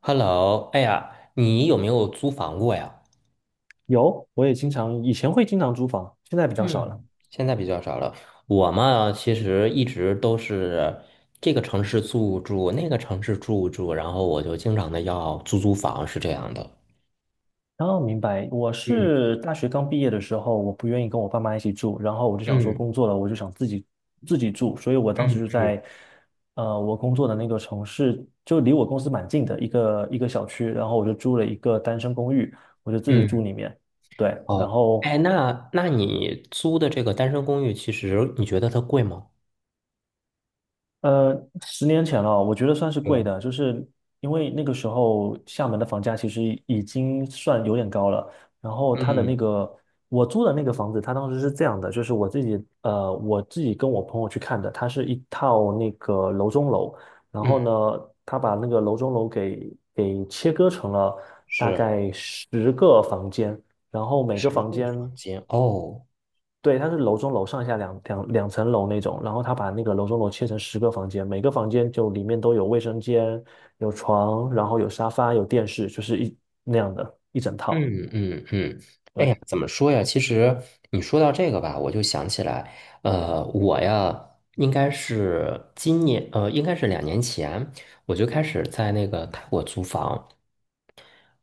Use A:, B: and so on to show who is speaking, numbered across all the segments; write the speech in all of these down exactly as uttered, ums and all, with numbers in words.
A: Hello，哎呀，你有没有租房过呀？
B: 有，我也经常，以前会经常租房，现在比较少了。
A: 嗯，现在比较少了。我嘛，其实一直都是这个城市住住，那个城市住住，然后我就经常的要租租房，是这样的。
B: 哦，明白，我
A: 嗯
B: 是大学刚毕业的时候，我不愿意跟我爸妈一起住，然后我就想说
A: 嗯
B: 工作了，我就想自己自己住，所以我当时
A: 嗯
B: 就
A: 嗯
B: 在，呃，我工作的那个城市就离我公司蛮近的一个一个小区，然后我就租了一个单身公寓，我就自己
A: 嗯，
B: 住里面，对，然
A: 哦，
B: 后
A: 哎，那那你租的这个单身公寓，其实你觉得它贵吗？
B: 呃，十年前了，我觉得算是贵
A: 对，
B: 的，就是因为那个时候厦门的房价其实已经算有点高了。然后它的那
A: 嗯
B: 个我租的那个房子，它当时是这样的，就是我自己呃我自己跟我朋友去看的，它是一套那个楼中楼，然
A: 嗯，
B: 后呢，他把那个楼中楼给给切割成了大
A: 是
B: 概十个房间，然后每个
A: 十
B: 房
A: 个
B: 间
A: 房间哦。
B: 对，它是楼中楼上下两两两层楼那种，然后他把那个楼中楼切成十个房间，每个房间就里面都有卫生间、有床，然后有沙发、有电视，就是一那样的一整套。
A: 嗯嗯嗯，哎
B: 对，
A: 呀，怎么说呀？其实你说到这个吧，我就想起来，呃，我呀，应该是今年，呃，应该是两年前，我就开始在那个泰国租房。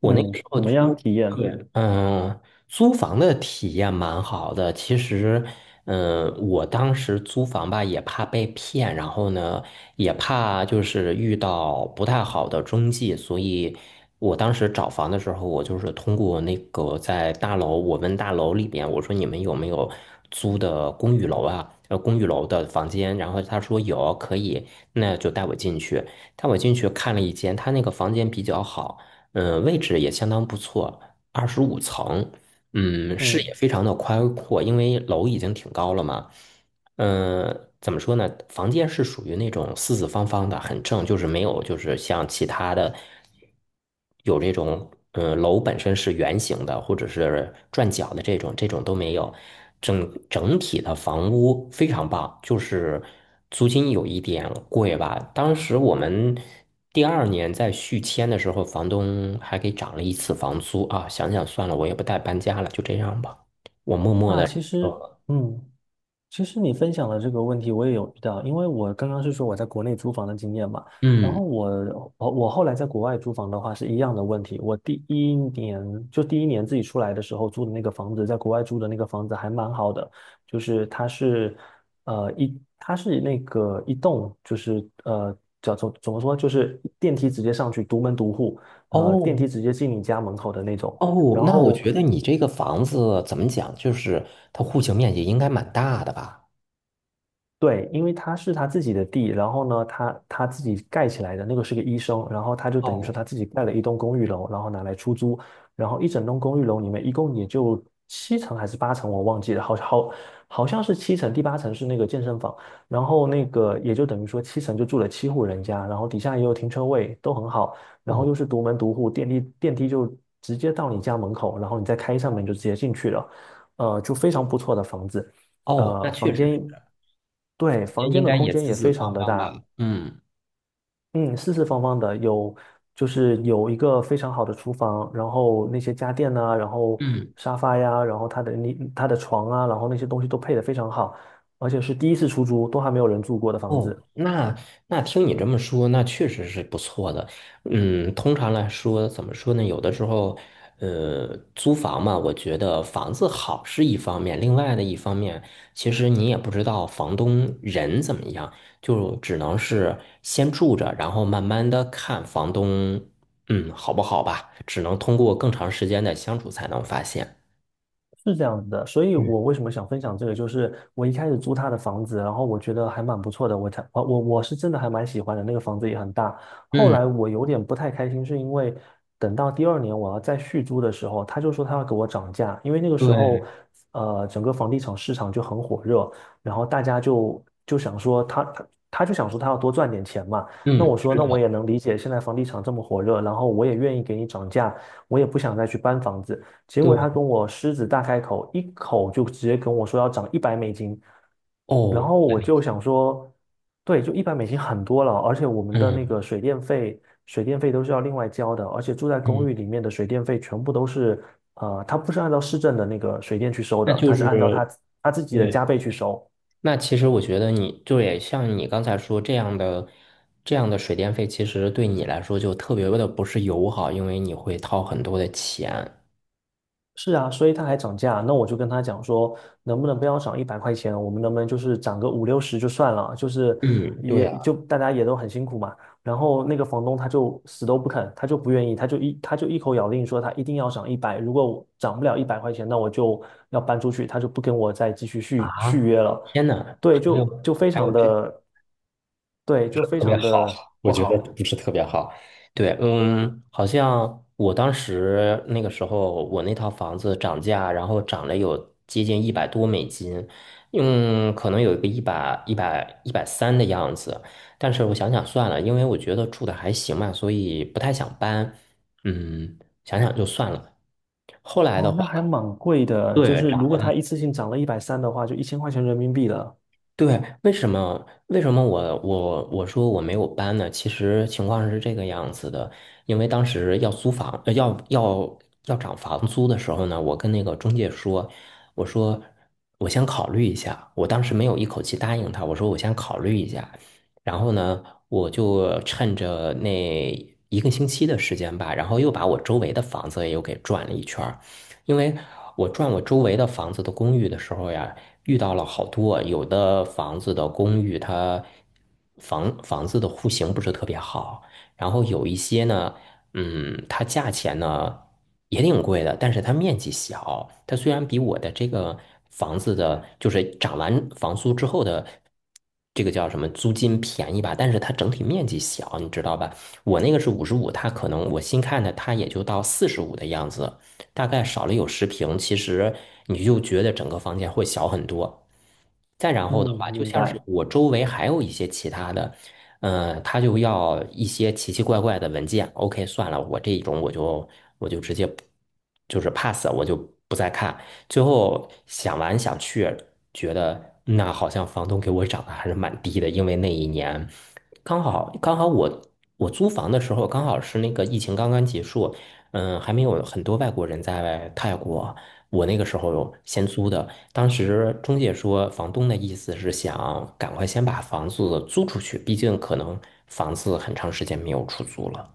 A: 我那个
B: 嗯，
A: 时候
B: 怎么样
A: 租，
B: 体验？
A: 对，嗯，租房的体验蛮好的。其实，嗯，我当时租房吧，也怕被骗，然后呢，也怕就是遇到不太好的中介，所以我当时找房的时候，我就是通过那个在大楼，我问大楼里边，我说你们有没有租的公寓楼啊？呃，公寓楼的房间，然后他说有，可以，那就带我进去，带我进去看了一间，他那个房间比较好。嗯、呃位置也相当不错，二十五层，嗯，视野
B: 嗯，
A: 非常的宽阔，因为楼已经挺高了嘛。嗯，怎么说呢？房间是属于那种四四方方的，很正，就是没有就是像其他的有这种，嗯，楼本身是圆形的或者是转角的这种，这种都没有。整整体的房屋非常棒，就是租金有一点贵吧。当时我们第二年在续签的时候，房东还给涨了一次房租啊。想想算了，我也不带搬家了，就这样吧。我默默
B: 啊，
A: 的，
B: 其实，
A: 呃
B: 嗯。其实你分享的这个问题我也有遇到，因为我刚刚是说我在国内租房的经验嘛，然
A: 嗯，
B: 后我我我后来在国外租房的话是一样的问题。我第一年就第一年自己出来的时候租的那个房子，在国外租的那个房子还蛮好的，就是它是呃一它是那个一栋就是呃叫做怎么说就是电梯直接上去独门独户，呃电
A: 哦。
B: 梯直接进你家门口的那种。
A: 哦，
B: 然
A: 那我
B: 后
A: 觉得你这个房子怎么讲，就是它户型面积应该蛮大的吧？
B: 对，因为他是他自己的地，然后呢，他他自己盖起来的，那个是个医生，然后他就等于说
A: 哦
B: 他自己盖了一栋公寓楼，然后拿来出租，然后一整栋公寓楼里面一共也就七层还是八层，我忘记了，好好好像是七层，第八层是那个健身房，然后那个也就等于说七层就住了七户人家，然后底下也有停车位，都很好，然后
A: 哦
B: 又是独门独户，电梯电梯就直接到你家门口，然后你再开一扇门就直接进去了，呃，就非常不错的房子。
A: 哦，那
B: 呃，
A: 确
B: 房
A: 实是，
B: 间对，房间
A: 应
B: 的
A: 该
B: 空
A: 也
B: 间
A: 四
B: 也
A: 四
B: 非常
A: 方
B: 的
A: 方
B: 大，
A: 吧？嗯
B: 嗯，四四方方的，有就是有一个非常好的厨房，然后那些家电呐、然后
A: 嗯。
B: 沙发呀，然后它的你它的床啊，然后那些东西都配得非常好，而且是第一次出租，都还没有人住过的房
A: 哦，
B: 子。
A: 那那听你这么说，那确实是不错的。嗯，通常来说，怎么说呢？有的时候，呃，租房嘛，我觉得房子好是一方面，另外的一方面，其实你也不知道房东人怎么样，就只能是先住着，然后慢慢的看房东，嗯，好不好吧？只能通过更长时间的相处才能发现。
B: 是这样子的，所以
A: 嗯，
B: 我为什么想分享这个，就是我一开始租他的房子，然后我觉得还蛮不错的，我才我我我是真的还蛮喜欢的，那个房子也很大。后
A: 嗯，
B: 来我有点不太开心，是因为等到第二年我要再续租的时候，他就说他要给我涨价，因为那个时
A: 对，
B: 候呃整个房地产市场就很火热，然后大家就就想说他他他就想说他要多赚点钱嘛。那
A: 嗯，
B: 我说
A: 是
B: 那我
A: 的，
B: 也能理解，现在房地产这么火热，然后我也愿意给你涨价，我也不想再去搬房子。结果
A: 对，
B: 他跟我狮子大开口，一口就直接跟我说要涨一百美金，然
A: 哦，
B: 后我就想说，对，就一百美金很多了，而且我们的那
A: 嗯
B: 个水电费，水电费都是要另外交的，而且住在
A: 嗯，
B: 公寓里面的水电费全部都是，呃，他不是按照市政的那个水电去收
A: 那
B: 的，
A: 就
B: 他是
A: 是。
B: 按照他他自己的
A: 对。
B: 加倍去收，
A: 那其实我觉得你对，像你刚才说这样的这样的水电费，其实对你来说就特别的不是友好，因为你会掏很多的钱。
B: 是啊，所以他还涨价，那我就跟他讲说，能不能不要涨一百块钱，我们能不能就是涨个五六十就算了，就是
A: 嗯，对啊，
B: 也就大家也都很辛苦嘛。然后那个房东他就死都不肯，他就不愿意，他就一他就一口咬定说他一定要涨一百，如果我涨不了一百块钱，那我就要搬出去，他就不跟我再继续续续
A: 啊，
B: 约了。
A: 天哪，
B: 对，
A: 还有
B: 就就非
A: 还
B: 常
A: 有这。
B: 的，对，就非
A: 特别
B: 常
A: 好，
B: 的
A: 我
B: 不
A: 觉得
B: 好。
A: 不是特别好。对，嗯，好像我当时那个时候，我那套房子涨价，然后涨了有接近一百多美金，嗯，可能有一个一百一百一百三的样子。但是我想想算了，因为我觉得住的还行嘛，所以不太想搬。嗯，想想就算了。后来的
B: 哦，那还
A: 话，
B: 蛮贵的，就
A: 对，
B: 是如果他一次性涨了一百三的话，就一千块钱人民币了。
A: 对，为什么为什么我我我说我没有搬呢？其实情况是这个样子的，因为当时要租房，呃要要要涨房租的时候呢，我跟那个中介说，我说我先考虑一下，我当时没有一口气答应他，我说我先考虑一下，然后呢，我就趁着那一个星期的时间吧，然后又把我周围的房子又给转了一圈儿，因为我转我周围的房子的公寓的时候呀。遇到了好多，有的房子的公寓它房房子的户型不是特别好，然后有一些呢，嗯，它价钱呢也挺贵的，但是它面积小，它虽然比我的这个房子的，就是涨完房租之后的。这个叫什么租金便宜吧，但是它整体面积小，你知道吧？我那个是五十五，它可能我新看的，它也就到四十五的样子。大概少了有十平，其实你就觉得整个房间会小很多。再然后的
B: 嗯，
A: 话，就
B: 明
A: 像是
B: 白，
A: 我周围还有一些其他的，嗯，他就要一些奇奇怪怪的文件。OK，算了，我这一种我就我就直接不就是 pass，我就不再看。最后想完想去，觉得那好像房东给我涨的还是蛮低的，因为那一年刚好刚好我我租房的时候刚好是那个疫情刚刚结束，嗯，还没有很多外国人在泰国，我那个时候先租的。当时中介说，房东的意思是想赶快先把房子租出去，毕竟可能房子很长时间没有出租了。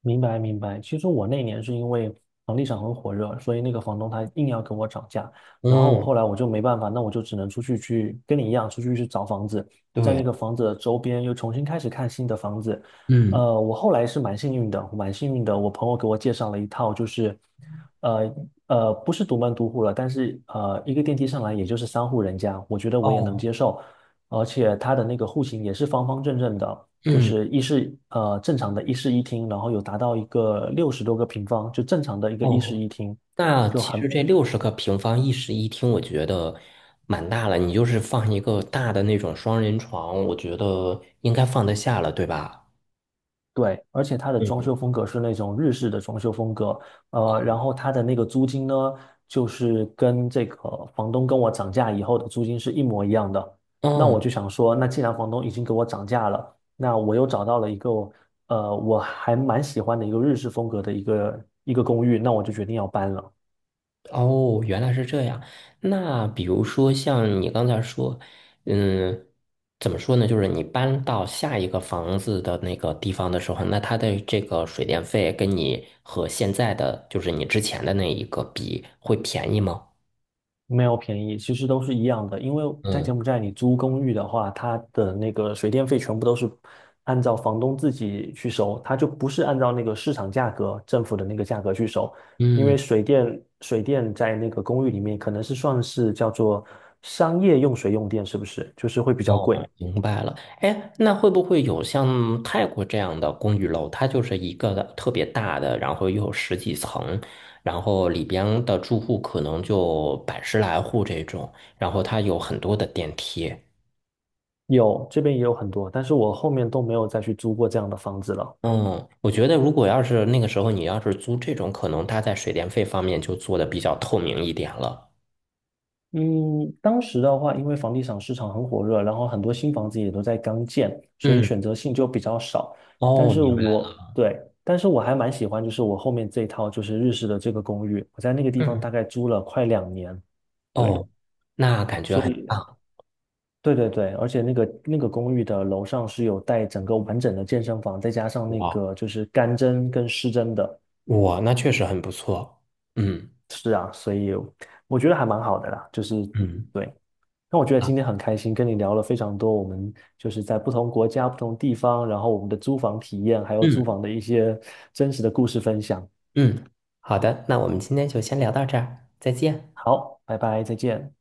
B: 明白，明白。其实我那年是因为房地产很火热，所以那个房东他硬要跟我涨价，然后我
A: 嗯，
B: 后来我就没办法，那我就只能出去去跟你一样出去去找房子，在那
A: 对，
B: 个房子的周边又重新开始看新的房子。
A: 嗯，
B: 呃，我后来是蛮幸运的，蛮幸运的，我朋友给我介绍了一套，就是呃呃不是独门独户了，但是呃一个电梯上来也就是三户人家，我觉得我也能
A: 哦，
B: 接受，而且它的那个户型也是方方正正的。就
A: 嗯，
B: 是一室呃正常的一室一厅，然后有达到一个六十多个平方，就正常的一个一室
A: 哦，
B: 一厅，
A: 那
B: 就
A: 其
B: 很
A: 实这六十个平方一室一厅，我觉得蛮大了。你就是放一个大的那种双人床，我觉得应该放得下了，对吧？
B: 对，而且它的装
A: 嗯，
B: 修风格是那种日式的装修风格，呃，
A: 哦。
B: 然后它的那个租金呢，就是跟这个房东跟我涨价以后的租金是一模一样的。那
A: 嗯
B: 我就想说，那既然房东已经给我涨价了，那我又找到了一个呃我还蛮喜欢的一个日式风格的一个一个公寓，那我就决定要搬了。
A: 哦，原来是这样。那比如说像你刚才说，嗯，怎么说呢？就是你搬到下一个房子的那个地方的时候，那它的这个水电费跟你和现在的，就是你之前的那一个比，会便宜吗？
B: 没有便宜，其实都是一样的。因为在
A: 嗯
B: 柬埔寨，你租公寓的话，它的那个水电费全部都是按照房东自己去收，它就不是按照那个市场价格、政府的那个价格去收。因
A: 嗯。
B: 为水电水电在那个公寓里面可能是算是叫做商业用水用电，是不是？就是会比较
A: 哦，
B: 贵。
A: 明白了。哎，那会不会有像泰国这样的公寓楼？它就是一个的特别大的，然后又有十几层，然后里边的住户可能就百十来户这种，然后它有很多的电梯。
B: 有，这边也有很多，但是我后面都没有再去租过这样的房子了。
A: 嗯，我觉得如果要是那个时候你要是租这种，可能它在水电费方面就做的比较透明一点了。
B: 嗯，当时的话，因为房地产市场很火热，然后很多新房子也都在刚建，所以
A: 嗯，
B: 选择性就比较少。但
A: 哦，
B: 是
A: 明白了
B: 我，对，但是我还蛮喜欢，就是我后面这一套就是日式的这个公寓，我在那个地方
A: 嗯，
B: 大概租了快两年，对，
A: 哦，那感觉
B: 所
A: 很
B: 以，
A: 棒。
B: 对对对，而且那个那个公寓的楼上是有带整个完整的健身房，再加上那
A: 哇，
B: 个就是干蒸跟湿蒸的，
A: 哇，那确实很不错。嗯
B: 也有，我觉得还蛮好的啦，就是
A: 嗯。
B: 对，那我觉得今
A: 啊
B: 天很开心，跟你聊了非常多，我们就是在不同国家、不同地方，然后我们的租房体验，还有租
A: 嗯。
B: 房的一些真实的故事分享。
A: 嗯，好的，那我们今天就先聊到这儿，再见。
B: 好，拜拜，再见。